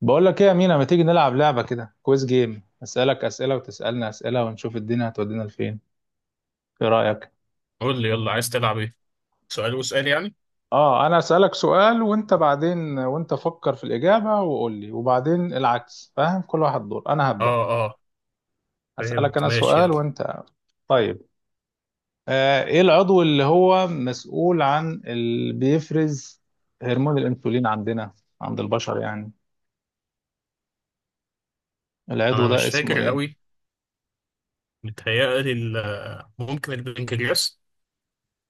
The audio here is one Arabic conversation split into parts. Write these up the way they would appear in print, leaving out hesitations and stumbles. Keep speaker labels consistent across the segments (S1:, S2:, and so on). S1: بقول لك ايه يا مينا؟ ما تيجي نلعب لعبة كده، كويز جيم، اسالك اسئلة وتسالني اسئلة ونشوف الدنيا هتودينا لفين؟ ايه رأيك؟
S2: قول لي يلا، عايز تلعب ايه؟ سؤال وسؤال يعني؟
S1: اه انا اسالك سؤال وانت بعدين، وانت فكر في الإجابة وقول لي، وبعدين العكس. فاهم؟ كل واحد دور، انا هبدأ
S2: اه اه.
S1: اسالك
S2: فهمت،
S1: انا
S2: ماشي
S1: سؤال
S2: يلا.
S1: وانت. طيب. ايه العضو اللي هو مسؤول عن اللي بيفرز هرمون الانسولين عندنا، عند البشر يعني؟ العضو
S2: انا
S1: ده
S2: مش
S1: اسمه
S2: فاكر
S1: ايه؟
S2: قوي. متهيألي ممكن البنكرياس.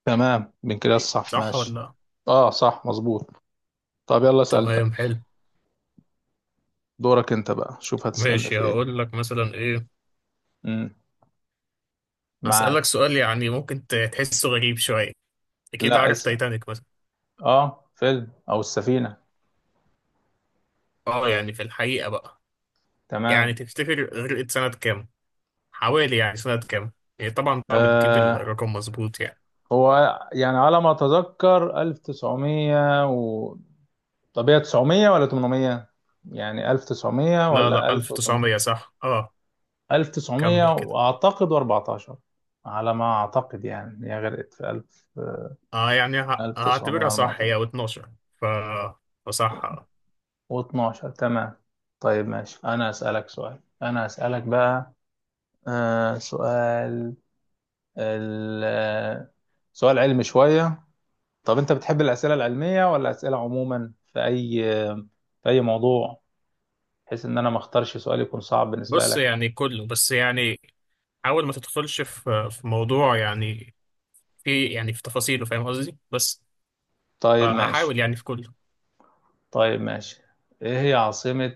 S1: تمام، بنكرياس، صح
S2: صح
S1: ماشي.
S2: ولا؟
S1: اه صح مظبوط. طب يلا اسال،
S2: تمام، حلو.
S1: دورك انت بقى، شوف هتسألني
S2: ماشي،
S1: في ايه.
S2: هقول لك مثلا ايه.
S1: امم
S2: هسألك
S1: معاك.
S2: سؤال، يعني ممكن تحسه غريب شوية. اكيد
S1: لا
S2: عارف
S1: اسأل.
S2: تايتانيك مثلا.
S1: اه، فيلم او السفينة.
S2: اه يعني في الحقيقة بقى، يعني
S1: تمام.
S2: تفتكر غرقت سنة كام؟ حوالي يعني سنة كام؟ هي طبعا صعب تجيب
S1: آه
S2: الرقم مظبوط يعني.
S1: هو يعني على ما اتذكر 1900 و... طب هي 900 ولا 800؟ يعني 1900
S2: لا
S1: ولا
S2: لا، 1900
S1: 1800؟
S2: صح اه. كمل
S1: 1900
S2: كده.
S1: واعتقد 14. على ما اعتقد يعني هي غرقت في 1000.
S2: اه يعني هعتبرها صح،
S1: 1914
S2: هي و12. ف فصح.
S1: و12. تمام. طيب ماشي، انا اسالك بقى. آه، سؤال. ال- سؤال علمي شوية. طب أنت بتحب الأسئلة العلمية ولا أسئلة عموما في أي موضوع؟ بحيث إن أنا ما أختارش سؤال يكون صعب بالنسبة
S2: بص
S1: لك.
S2: يعني كله، بس يعني حاول ما تدخلش في موضوع يعني، في يعني في تفاصيله، فاهم قصدي؟ بس
S1: طيب ماشي.
S2: فهحاول يعني في كله.
S1: طيب ماشي. إيه هي عاصمة،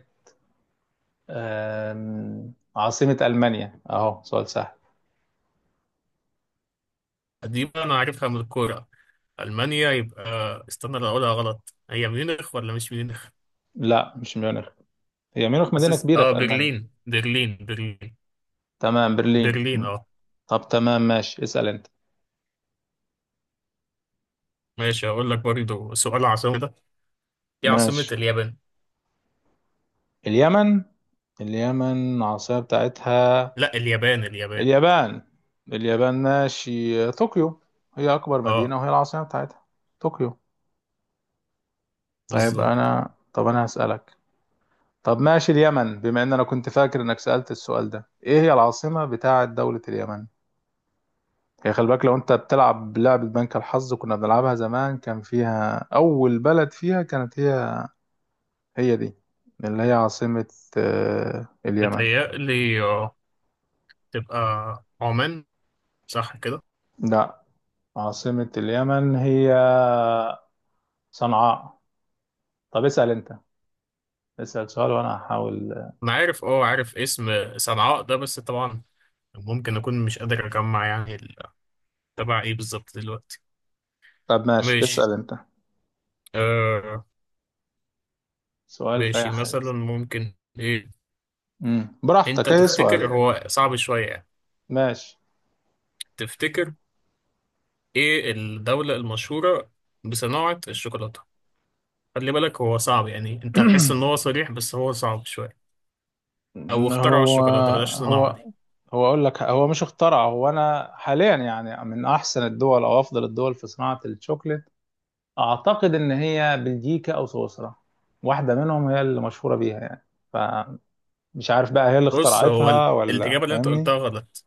S1: عاصمة ألمانيا؟ أهو سؤال سهل.
S2: دي بقى انا عارفها من الكوره. المانيا يبقى، استنى لو اقولها غلط، هي ميونخ ولا مش ميونخ؟
S1: لا مش ميونخ، هي ميونخ مدينة
S2: حاسس
S1: كبيرة في ألمانيا.
S2: برلين، برلين، برلين.
S1: تمام برلين.
S2: برلين اه.
S1: طب تمام ماشي، اسأل أنت.
S2: ماشي، هقول لك برضه سؤال عاصمة ده. ايه عاصمة
S1: ماشي،
S2: اليابان؟
S1: اليمن؟ اليمن عاصمة بتاعتها؟
S2: لا، اليابان اليابان.
S1: اليابان. اليابان ماشي، طوكيو. هي أكبر
S2: اه
S1: مدينة وهي العاصمة بتاعتها، طوكيو. طيب
S2: بالظبط.
S1: أنا، طب أنا هسألك. طب ماشي، اليمن بما إن أنا كنت فاكر إنك سألت السؤال ده، إيه هي العاصمة بتاعة دولة اليمن؟ هي، خلي بالك لو أنت بتلعب لعبة بنك الحظ كنا بنلعبها زمان، كان فيها أول بلد فيها كانت هي، هي دي اللي هي عاصمة، اليمن.
S2: متهيألي تبقى عمان. صح كده؟
S1: لا، عاصمة اليمن هي صنعاء. طب اسأل أنت، اسأل سؤال وأنا هحاول.
S2: انا عارف عارف اسم صنعاء ده، بس طبعا ممكن اكون مش قادر اجمع يعني تبع ايه بالظبط دلوقتي.
S1: طب ماشي
S2: ماشي
S1: اسأل انت،
S2: آه.
S1: سؤال في اي
S2: ماشي،
S1: حاجة.
S2: مثلا ممكن ايه. انت
S1: براحتك، اي سؤال.
S2: تفتكر هو صعب شوية يعني؟
S1: ماشي.
S2: تفتكر؟ ايه الدولة المشهورة بصناعة الشوكولاتة؟ خلي بالك، هو صعب يعني، انت هتحس ان هو صريح بس هو صعب شوية. او اخترعوا
S1: هو
S2: الشوكولاتة، بلاش
S1: هو
S2: صناعة دي.
S1: هو اقول لك، هو مش اخترع. هو انا حاليا يعني من احسن الدول او افضل الدول في صناعة الشوكليت اعتقد ان هي بلجيكا او سويسرا. واحدة منهم هي اللي مشهورة بيها يعني. فمش عارف بقى هي اللي
S2: بص هو
S1: اخترعتها، ولا
S2: الإجابة اللي انت
S1: فاهمني؟
S2: قلتها غلط.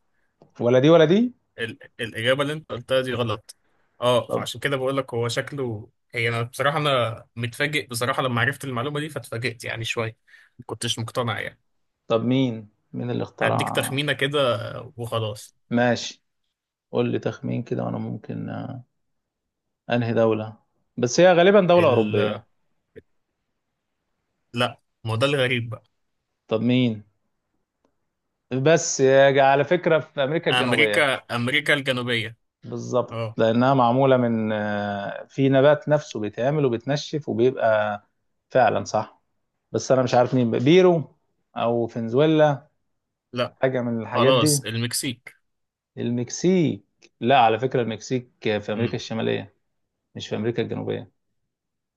S1: ولا دي ولا دي.
S2: الإجابة اللي أنت قلتها دي غلط.
S1: طب،
S2: فعشان كده بقول لك، هو شكله هي، أنا بصراحة، أنا متفاجئ بصراحة لما عرفت المعلومة دي، فاتفاجئت يعني شوية. ما كنتش مقتنع يعني.
S1: طب مين اللي
S2: هديك
S1: اخترع؟
S2: تخمينة كده وخلاص.
S1: ماشي، قول لي تخمين كده وانا ممكن. انهي دولة؟ بس هي غالبا دولة أوروبية.
S2: ال... لا، ما هو ده الغريب بقى.
S1: طب مين؟ على فكرة، في أمريكا الجنوبية.
S2: أمريكا أمريكا الجنوبية.
S1: بالظبط،
S2: أه.
S1: لأنها معمولة من، في نبات نفسه بيتعمل وبيتنشف وبيبقى. فعلا صح. بس أنا مش عارف مين بقى، بيرو أو فنزويلا،
S2: لا
S1: حاجة من الحاجات دي.
S2: خلاص، المكسيك.
S1: المكسيك؟ لا على فكرة المكسيك في أمريكا
S2: مم.
S1: الشمالية، مش في أمريكا الجنوبية.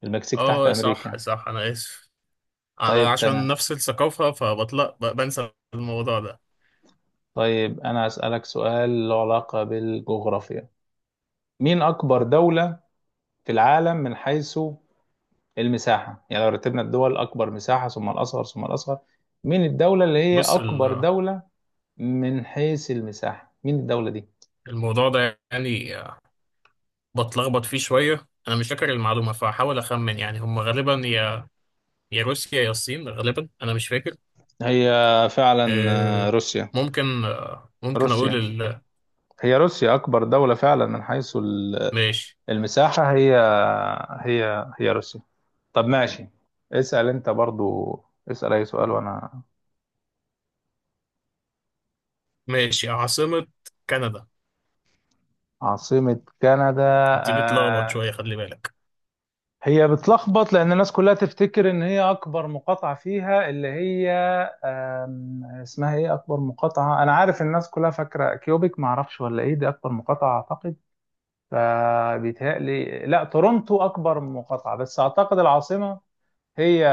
S1: المكسيك تحت
S2: أه، صح
S1: أمريكا.
S2: صح، أنا آسف. أنا
S1: طيب
S2: عشان
S1: تمام.
S2: نفس الثقافة فبطلق بنسى الموضوع ده.
S1: طيب أنا أسألك سؤال له علاقة بالجغرافيا، مين أكبر دولة في العالم من حيث المساحة؟ يعني لو رتبنا الدول أكبر مساحة ثم الأصغر ثم الأصغر، مين الدولة اللي هي
S2: بص
S1: أكبر دولة من حيث المساحة؟ مين الدولة دي؟
S2: الموضوع ده يعني بتلخبط فيه شوية، أنا مش فاكر المعلومة، فهحاول أخمن، يعني هم غالبا يا روسيا يا الصين، غالبا أنا مش فاكر.
S1: هي فعلا،
S2: آه،
S1: روسيا.
S2: ممكن أقول.
S1: روسيا، هي روسيا أكبر دولة فعلا من حيث
S2: ماشي.
S1: المساحة. هي روسيا. طب ماشي، اسأل أنت برضو، اسأل أي سؤال وأنا.
S2: ماشي، عاصمة كندا.
S1: عاصمة كندا؟
S2: دي بتلخبط
S1: آه،
S2: شوية، خلي بالك.
S1: هي بتلخبط لان الناس كلها تفتكر ان هي اكبر مقاطعه فيها اللي هي، اسمها ايه اكبر مقاطعه، انا عارف الناس كلها فاكره كيوبيك، ما اعرفش ولا ايه دي اكبر مقاطعه اعتقد. فبيتهيألي لا، تورونتو اكبر مقاطعه، بس اعتقد العاصمه هي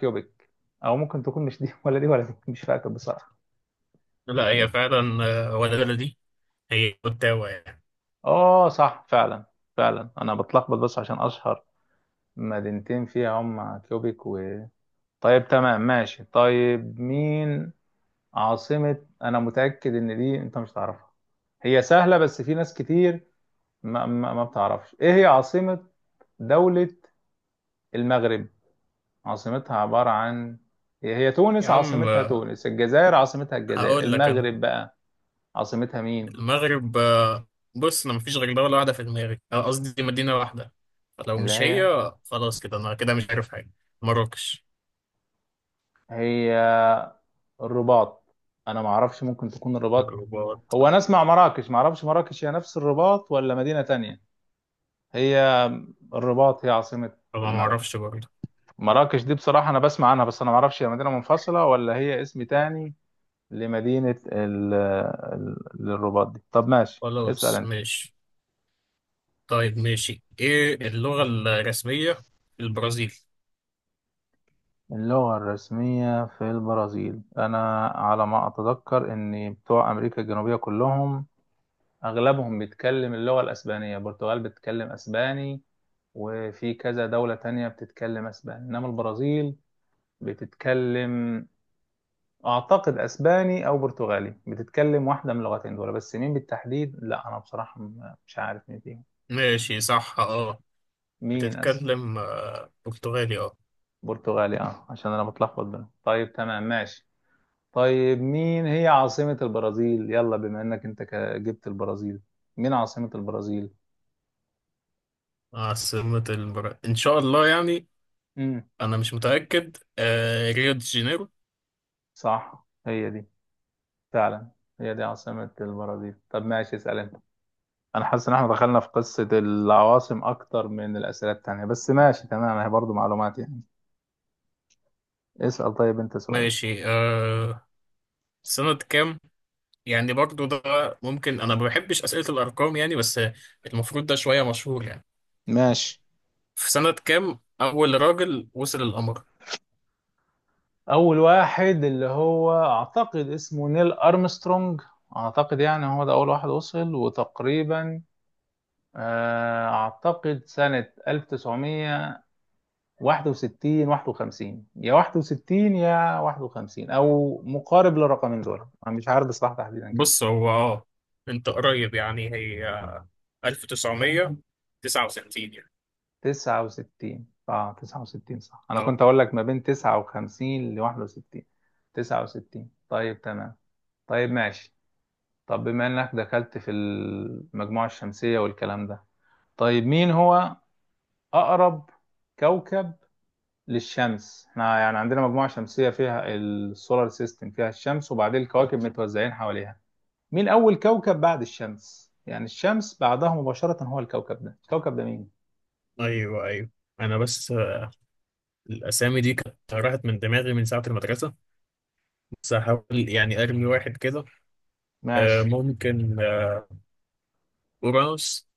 S1: كيوبيك، او ممكن تكون مش دي ولا دي ولا دي، مش فاكر بصراحه.
S2: لا هي فعلا. ولا بلدي، هي أوتاوا يعني.
S1: اه صح فعلا. فعلا انا بتلخبط بس عشان اشهر مدينتين فيها هم كيوبيك و... طيب تمام ماشي. طيب مين عاصمة، أنا متأكد إن دي أنت مش تعرفها، هي سهلة بس في ناس كتير ما بتعرفش، إيه هي عاصمة دولة المغرب؟ عاصمتها عبارة عن، هي هي
S2: يا
S1: تونس
S2: عم
S1: عاصمتها تونس، الجزائر عاصمتها الجزائر،
S2: هقول لك أنا.
S1: المغرب بقى عاصمتها مين؟
S2: المغرب بص، أنا مفيش غير دولة واحدة في دماغي، قصدي مدينة واحدة. فلو
S1: اللي
S2: مش
S1: هي،
S2: هي خلاص كده، أنا كده مش عارف حاجة. مراكش.
S1: هي الرباط. أنا ما أعرفش، ممكن تكون الرباط.
S2: الرباط.
S1: هو أنا أسمع مراكش، ما أعرفش مراكش هي نفس الرباط ولا مدينة تانية. هي الرباط هي عاصمة
S2: طبعا ما
S1: المغرب.
S2: اعرفش برضه.
S1: مراكش دي بصراحة أنا بسمع عنها بس أنا معرفش هي مدينة منفصلة ولا هي اسم تاني لمدينة للرباط دي. طب ماشي اسأل
S2: خلاص
S1: أنت.
S2: ماشي. طيب ماشي، ايه اللغة الرسمية في البرازيل؟
S1: اللغة الرسمية في البرازيل؟ أنا على ما أتذكر إن بتوع أمريكا الجنوبية كلهم أغلبهم بيتكلم اللغة الأسبانية، البرتغال بتتكلم أسباني وفي كذا دولة تانية بتتكلم أسباني، إنما البرازيل بتتكلم، أعتقد أسباني أو برتغالي، بتتكلم واحدة من اللغتين دول، بس مين بالتحديد لا أنا بصراحة مش عارف مين فيهم.
S2: ماشي صح اه.
S1: مين أس...
S2: بتتكلم برتغالي اه.
S1: برتغالي، أه، عشان أنا بتلخبط بينهم. طيب تمام ماشي. طيب مين هي عاصمة البرازيل، يلا بما إنك أنت جبت البرازيل، مين عاصمة البرازيل؟
S2: عاصمة البرازيل ان شاء الله يعني،
S1: امم
S2: انا مش متأكد ريو دي جانيرو.
S1: صح، هي دي فعلا، هي دي عاصمة البرازيل. طب ماشي، اسأل أنت. أنا حاسس إن إحنا دخلنا في قصة العواصم أكتر من الأسئلة التانية، بس ماشي تمام هي برضو معلومات يعني. اسأل طيب أنت سؤال.
S2: ماشي آه. سنة كام يعني برضه ده، ممكن انا ما بحبش أسئلة الارقام يعني، بس المفروض ده شوية مشهور يعني.
S1: ماشي،
S2: في سنة كام اول راجل وصل القمر؟
S1: اول واحد اللي هو اعتقد اسمه نيل ارمسترونج، اعتقد يعني هو ده اول واحد وصل، وتقريبا اعتقد سنة 1961. 51 يا 61 يا 51، او مقارب للرقمين دول، انا مش عارف بصراحة تحديدا كام.
S2: بص هو انت قريب يعني، هي 1969 يعني.
S1: 69، اه 69 صح، انا
S2: اه،
S1: كنت اقول لك ما بين 59 ل 61. 69. طيب تمام. طيب ماشي. طب بما انك دخلت في المجموعة الشمسية والكلام ده، طيب مين هو اقرب كوكب للشمس؟ احنا يعني عندنا مجموعة شمسية فيها السولار سيستم، فيها الشمس وبعدين الكواكب متوزعين حواليها. مين اول كوكب بعد الشمس؟ يعني الشمس بعدها مباشرة هو الكوكب ده، الكوكب ده مين؟
S2: ايوه ايوه. انا بس الاسامي دي كانت راحت من دماغي من ساعه المدرسه، بس هحاول يعني ارمي واحد كده.
S1: ماشي.
S2: ممكن اورانوس.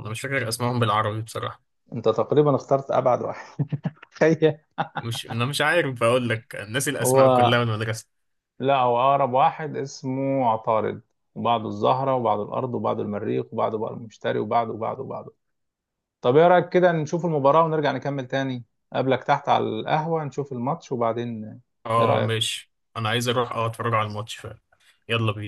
S2: انا مش فاكر اسمائهم بالعربي بصراحه.
S1: انت تقريبا اخترت ابعد واحد. تخيل.
S2: مش انا مش عارف اقول لك، الناس الاسماء
S1: هو،
S2: كلها من المدرسه.
S1: لا هو اقرب واحد اسمه عطارد، وبعده الزهرة وبعده الارض وبعده المريخ وبعده بقى المشتري وبعده وبعده وبعده. طب ايه رايك كده نشوف المباراه ونرجع نكمل تاني؟ قبلك تحت على القهوه نشوف الماتش وبعدين. ايه
S2: اه
S1: رايك؟
S2: ماشي. انا عايز اروح اتفرج على الماتش فعلا. يلا بينا.